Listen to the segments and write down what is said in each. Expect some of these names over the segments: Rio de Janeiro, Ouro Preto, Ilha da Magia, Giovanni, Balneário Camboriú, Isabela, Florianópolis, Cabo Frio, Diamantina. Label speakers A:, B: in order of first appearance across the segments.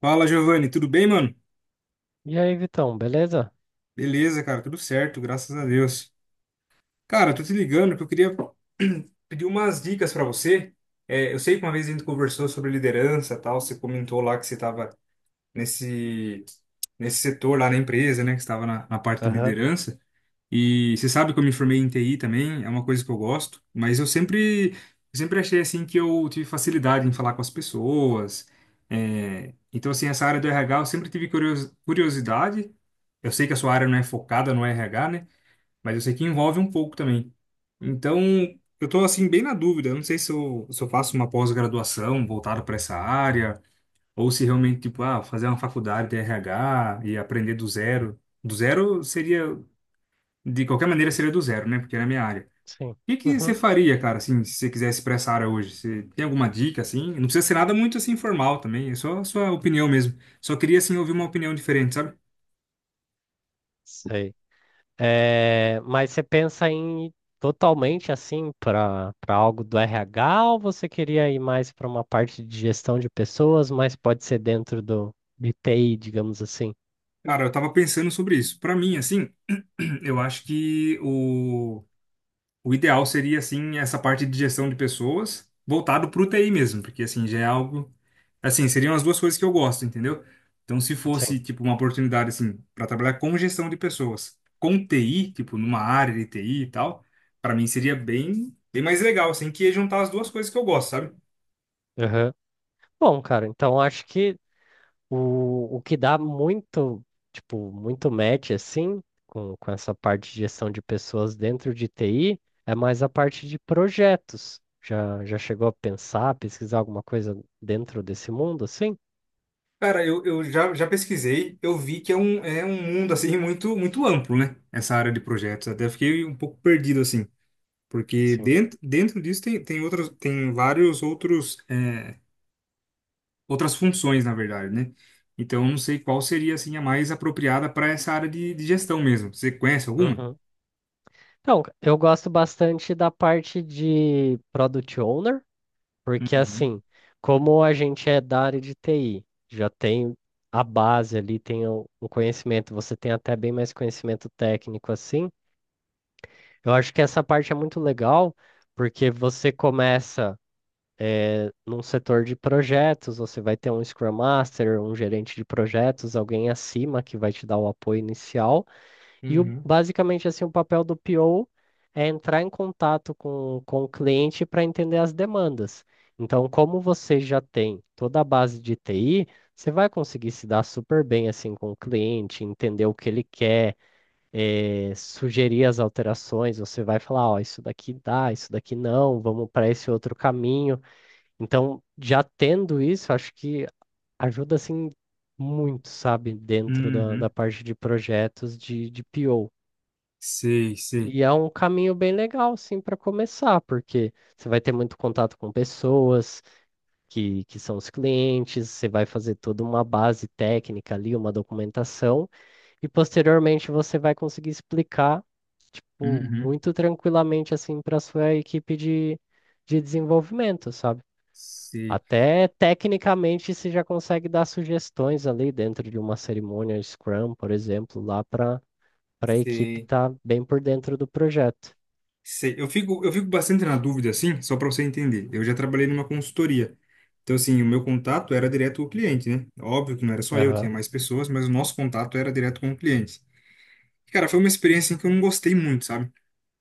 A: Fala, Giovanni, tudo bem, mano?
B: E aí, Vitão, beleza?
A: Beleza, cara, tudo certo, graças a Deus. Cara, tô te ligando porque eu queria pedir umas dicas pra você. É, eu sei que uma vez a gente conversou sobre liderança, e tal, você comentou lá que você estava nesse nesse setor lá na empresa, né, que estava na parte de
B: Aham,
A: liderança. E você sabe que eu me formei em TI também, é uma coisa que eu gosto, mas eu sempre achei assim que eu tive facilidade em falar com as pessoas. Então, assim, essa área do RH eu sempre tive curiosidade. Eu sei que a sua área não é focada no RH, né? Mas eu sei que envolve um pouco também. Então, eu tô assim bem na dúvida. Eu não sei se eu faço uma pós-graduação voltada para essa área ou se realmente tipo, ah, fazer uma faculdade de RH e aprender do zero. Do zero seria de qualquer maneira seria do zero, né? Porque era a minha área.
B: sim.
A: O que que você
B: Uhum,
A: faria, cara, assim, se você quisesse pra essa área hoje? Você tem alguma dica, assim? Não precisa ser nada muito, assim, formal também. É só a sua opinião mesmo. Só queria, assim, ouvir uma opinião diferente, sabe?
B: sei. É, mas você pensa em ir totalmente assim para algo do RH ou você queria ir mais para uma parte de gestão de pessoas, mas pode ser dentro do de TI, digamos assim?
A: Cara, eu tava pensando sobre isso. Pra mim, assim, eu acho que o O ideal seria, assim, essa parte de gestão de pessoas voltado para o TI mesmo, porque, assim, já é algo... Assim, seriam as duas coisas que eu gosto, entendeu? Então, se
B: Sim.
A: fosse, tipo, uma oportunidade, assim, para trabalhar com gestão de pessoas, com TI, tipo, numa área de TI e tal, para mim seria bem, bem mais legal, assim, que ia juntar as duas coisas que eu gosto, sabe?
B: Aham. Bom, cara, então acho que o que dá muito, tipo, muito match, assim, com essa parte de gestão de pessoas dentro de TI, é mais a parte de projetos. Já chegou a pensar, pesquisar alguma coisa dentro desse mundo, assim?
A: Cara, eu já pesquisei, eu vi que é um mundo, assim, muito, muito amplo, né? Essa área de projetos. Até fiquei um pouco perdido, assim. Porque
B: Sim.
A: dentro disso tem, tem vários outros, outras funções, na verdade, né? Então, eu não sei qual seria, assim, a mais apropriada para essa área de gestão mesmo. Você conhece alguma?
B: Uhum. Então, eu gosto bastante da parte de Product Owner, porque,
A: Uhum,
B: assim, como a gente é da área de TI, já tem a base ali, tem o conhecimento, você tem até bem mais conhecimento técnico, assim. Eu acho que essa parte é muito legal, porque você começa num setor de projetos, você vai ter um Scrum Master, um gerente de projetos, alguém acima que vai te dar o apoio inicial.
A: uhum,
B: Basicamente assim, o papel do PO é entrar em contato com o cliente para entender as demandas. Então, como você já tem toda a base de TI, você vai conseguir se dar super bem assim com o cliente, entender o que ele quer, sugerir as alterações, você vai falar, ó, isso daqui dá, isso daqui não, vamos para esse outro caminho. Então, já tendo isso, acho que ajuda assim muito, sabe, dentro da
A: uhum.
B: parte de projetos de PO.
A: Sei, sei.
B: E é um caminho bem legal, assim, para começar, porque você vai ter muito contato com pessoas que são os clientes, você vai fazer toda uma base técnica ali, uma documentação. E posteriormente você vai conseguir explicar, tipo,
A: Uhum.
B: muito tranquilamente assim para sua equipe de desenvolvimento, sabe?
A: Sei,
B: Até tecnicamente você já consegue dar sugestões ali dentro de uma cerimônia Scrum, por exemplo, lá para a equipe
A: sei,
B: estar bem por dentro do projeto.
A: sei. Eu fico bastante na dúvida, assim, só para você entender. Eu já trabalhei numa consultoria. Então, assim, o meu contato era direto com o cliente, né? Óbvio que não era só eu,
B: Aham,
A: tinha mais pessoas, mas o nosso contato era direto com o cliente. Cara, foi uma experiência em que eu não gostei muito, sabe?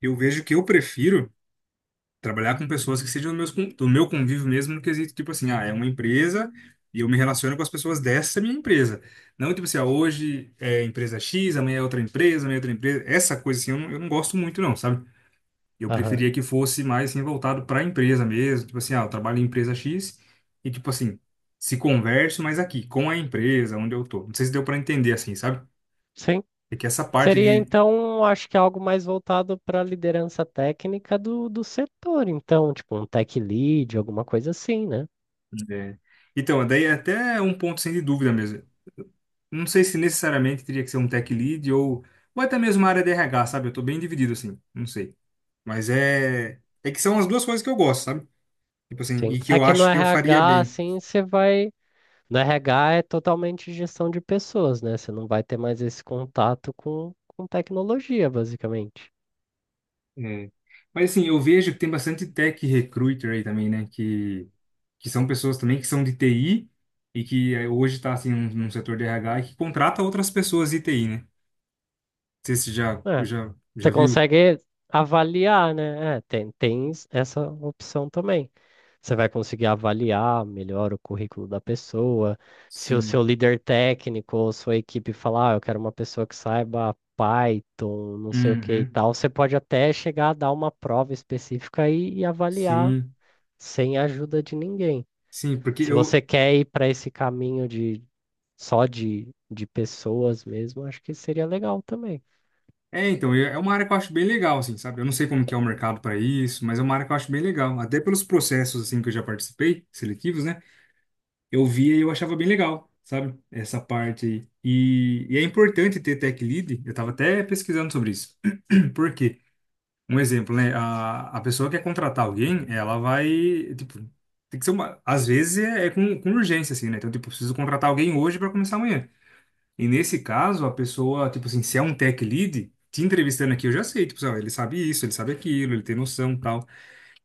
A: Eu vejo que eu prefiro trabalhar com pessoas que sejam do meu convívio mesmo, no quesito, tipo assim, ah, é uma empresa e eu me relaciono com as pessoas dessa minha empresa. Não, tipo assim, ah, hoje é empresa X, amanhã é outra empresa, amanhã é outra empresa. Essa coisa, assim, eu não gosto muito, não, sabe? Eu
B: aham.
A: preferia que fosse mais, assim, voltado para a empresa mesmo. Tipo assim, ah, eu trabalho em empresa X e, tipo assim, se converso, mas aqui, com a empresa, onde eu tô. Não sei se deu para entender, assim, sabe?
B: Sim.
A: É que essa parte
B: Seria
A: de.
B: então, acho que algo mais voltado para a liderança técnica do setor, então, tipo um tech lead, alguma coisa assim, né?
A: É. Então, daí é até um ponto sem dúvida mesmo. Não sei se necessariamente teria que ser um tech lead ou até mesmo uma área de RH, sabe? Eu tô bem dividido assim, não sei. Mas é que são as duas coisas que eu gosto, sabe? Tipo assim,
B: Sim.
A: e que
B: É
A: eu
B: que no
A: acho que eu faria
B: RH,
A: bem.
B: assim, você vai. No RH é totalmente gestão de pessoas, né? Você não vai ter mais esse contato com tecnologia, basicamente.
A: É. Mas assim, eu vejo que tem bastante tech recruiter aí também, né? Que são pessoas também que são de TI e que hoje tá assim num setor de RH e que contrata outras pessoas de TI, né? Não sei se já,
B: É.
A: já, já
B: Você
A: viu.
B: consegue avaliar, né? É, tem essa opção também. Você vai conseguir avaliar melhor o currículo da pessoa. Se o seu
A: Sim.
B: líder técnico ou sua equipe falar, ah, eu quero uma pessoa que saiba Python, não sei o que e
A: Uhum.
B: tal, você pode até chegar a dar uma prova específica e avaliar
A: Sim,
B: sem ajuda de ninguém.
A: sim, porque
B: Se
A: eu.
B: você quer ir para esse caminho de só de pessoas mesmo, acho que seria legal também.
A: É, então, é uma área que eu acho bem legal, assim, sabe? Eu não sei como que é o mercado para isso, mas é uma área que eu acho bem legal. Até pelos processos, assim, que eu já participei, seletivos, né? Eu via e eu achava bem legal, sabe? Essa parte aí. E é importante ter tech lead, eu tava até pesquisando sobre isso. Por quê? Um exemplo, né? A pessoa quer contratar alguém, ela vai, tipo, tem que ser uma. Às vezes é com urgência, assim, né? Então, tipo, eu preciso contratar alguém hoje para começar amanhã. E nesse caso, a pessoa, tipo assim, se é um tech lead, te entrevistando aqui, eu já sei, tipo assim, ó, ele sabe isso, ele sabe aquilo, ele tem noção, tal.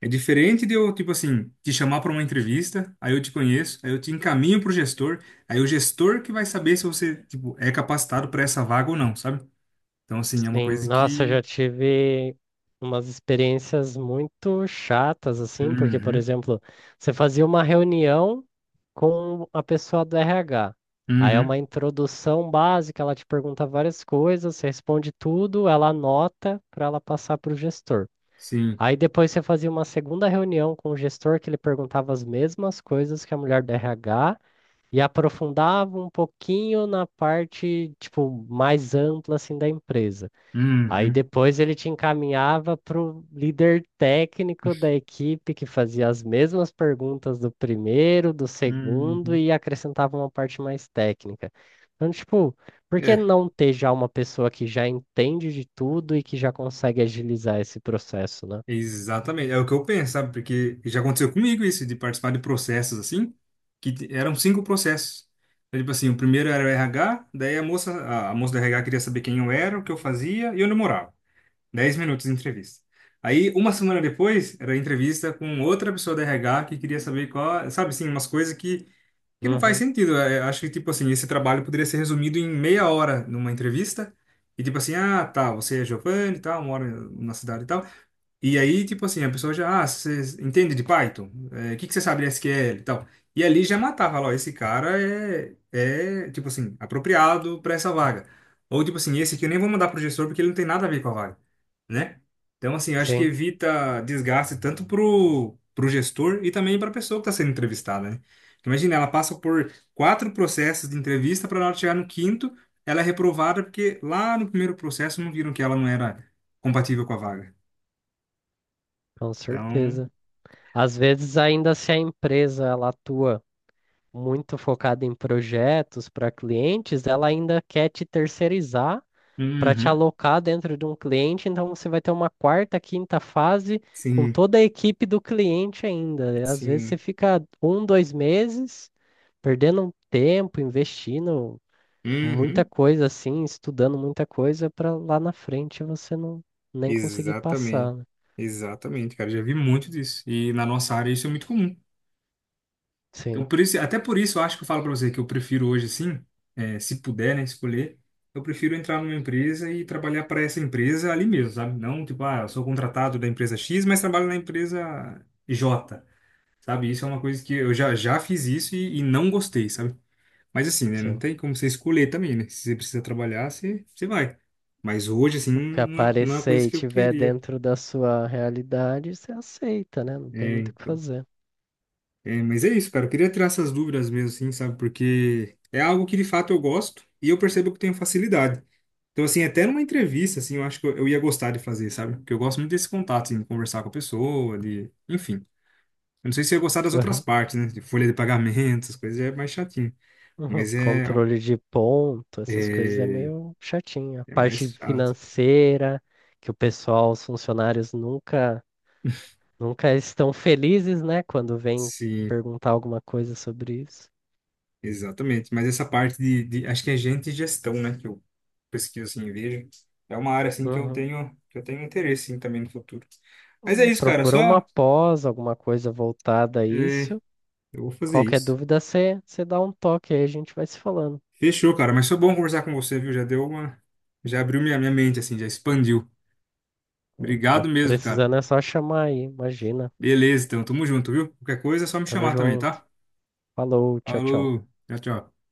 A: É diferente de eu, tipo assim, te chamar para uma entrevista, aí eu te conheço, aí eu te encaminho pro gestor, aí o gestor que vai saber se você, tipo, é capacitado para essa vaga ou não, sabe? Então, assim, é uma
B: Sim,
A: coisa
B: nossa, eu
A: que...
B: já tive umas experiências muito chatas, assim, porque, por
A: Uhum,
B: exemplo, você fazia uma reunião com a pessoa do RH. Aí é
A: uhum,
B: uma introdução básica, ela te pergunta várias coisas, você responde tudo, ela anota para ela passar para o gestor.
A: sim,
B: Aí depois você fazia uma segunda reunião com o gestor que ele perguntava as mesmas coisas que a mulher do RH e aprofundava um pouquinho na parte, tipo, mais ampla assim da empresa. Aí
A: uhum,
B: depois ele te encaminhava para o líder técnico da equipe que fazia as mesmas perguntas do primeiro, do segundo
A: uhum.
B: e acrescentava uma parte mais técnica. Então, tipo, por que
A: É,
B: não ter já uma pessoa que já entende de tudo e que já consegue agilizar esse processo, né?
A: exatamente, é o que eu penso, sabe? Porque já aconteceu comigo isso, de participar de processos assim, que eram cinco processos. Então, tipo assim, o primeiro era o RH, daí a moça do RH queria saber quem eu era, o que eu fazia e onde eu morava. 10 minutos de entrevista. Aí, uma semana depois, era a entrevista com outra pessoa do RH que queria saber qual, sabe assim, umas coisas que não faz
B: Uhum.
A: sentido. É, acho que, tipo assim, esse trabalho poderia ser resumido em meia hora numa entrevista. E tipo assim, ah, tá, você é Giovanni e tal, mora na cidade e tal. E aí, tipo assim, a pessoa já, ah, você entende de Python? É, o que que você sabe de SQL e tal? E ali já matava, lá, ó, esse cara é, tipo assim, apropriado para essa vaga. Ou, tipo assim, esse aqui eu nem vou mandar pro gestor porque ele não tem nada a ver com a vaga, né? Então, assim, eu acho que
B: Sim,
A: evita desgaste tanto pro gestor e também pra pessoa que tá sendo entrevistada, né? Porque imagina, ela passa por quatro processos de entrevista para na hora de chegar no quinto, ela é reprovada porque lá no primeiro processo não viram que ela não era compatível com a vaga.
B: com
A: Então,
B: certeza. Às vezes, ainda se a empresa ela atua muito focada em projetos para clientes, ela ainda quer te terceirizar para te
A: Uhum.
B: alocar dentro de um cliente, então você vai ter uma quarta, quinta fase com
A: Sim,
B: toda a equipe do cliente ainda. E às vezes você
A: sim.
B: fica um, dois meses perdendo um tempo, investindo muita
A: Uhum.
B: coisa assim, estudando muita coisa para lá na frente você não nem conseguir
A: Exatamente.
B: passar, né?
A: Exatamente, cara. Já vi muito disso. E na nossa área isso é muito comum. Então,
B: Sim,
A: por isso, até por isso eu acho que eu falo pra você que eu prefiro hoje, sim, se puder, né, escolher, eu prefiro entrar numa empresa e trabalhar para essa empresa ali mesmo, sabe? Não, tipo, ah, eu sou contratado da empresa X, mas trabalho na empresa J, sabe? Isso é uma coisa que eu já fiz isso e não gostei, sabe? Mas assim, né? Não
B: sim.
A: tem como você escolher também, né? Se você precisa trabalhar, você vai. Mas hoje, assim,
B: Que
A: não é uma
B: aparecer
A: coisa
B: e
A: que eu
B: tiver
A: queria.
B: dentro da sua realidade, você aceita, né? Não tem
A: É,
B: muito o que
A: então.
B: fazer.
A: É, mas é isso, cara. Eu queria tirar essas dúvidas mesmo, assim, sabe? Porque é algo que de fato eu gosto e eu percebo que eu tenho facilidade. Então, assim, até numa entrevista, assim, eu acho que eu ia gostar de fazer, sabe? Porque eu gosto muito desse contato, assim, de conversar com a pessoa, de... Enfim. Eu não sei se eu ia gostar das outras
B: Aham.
A: partes, né? De folha de pagamentos, coisas é mais chatinho.
B: Uhum.
A: Mas é...
B: Controle de ponto, essas coisas é
A: É,
B: meio chatinho. A
A: é
B: parte
A: mais chato.
B: financeira, que o pessoal, os funcionários nunca estão felizes, né? Quando vem
A: Sim.
B: perguntar alguma coisa sobre isso.
A: Exatamente, mas essa parte acho que é gente e gestão, né, que eu pesquiso assim, e vejo, é uma área assim que eu
B: Uhum.
A: tenho, que eu tenho interesse assim, também no futuro. Mas é isso, cara,
B: Procura uma
A: só
B: pós, alguma coisa voltada a
A: é,
B: isso.
A: eu vou fazer
B: Qualquer
A: isso.
B: dúvida, você dá um toque aí, a gente vai se falando.
A: Fechou, cara, mas foi bom conversar com você, viu? Já abriu minha mente assim, já expandiu. Obrigado
B: Opa,
A: mesmo, cara.
B: precisando é só chamar aí, imagina.
A: Beleza, então, tamo junto, viu? Qualquer coisa é só me
B: Tamo
A: chamar também,
B: junto.
A: tá?
B: Falou, tchau, tchau.
A: Falou, tchau, tchau.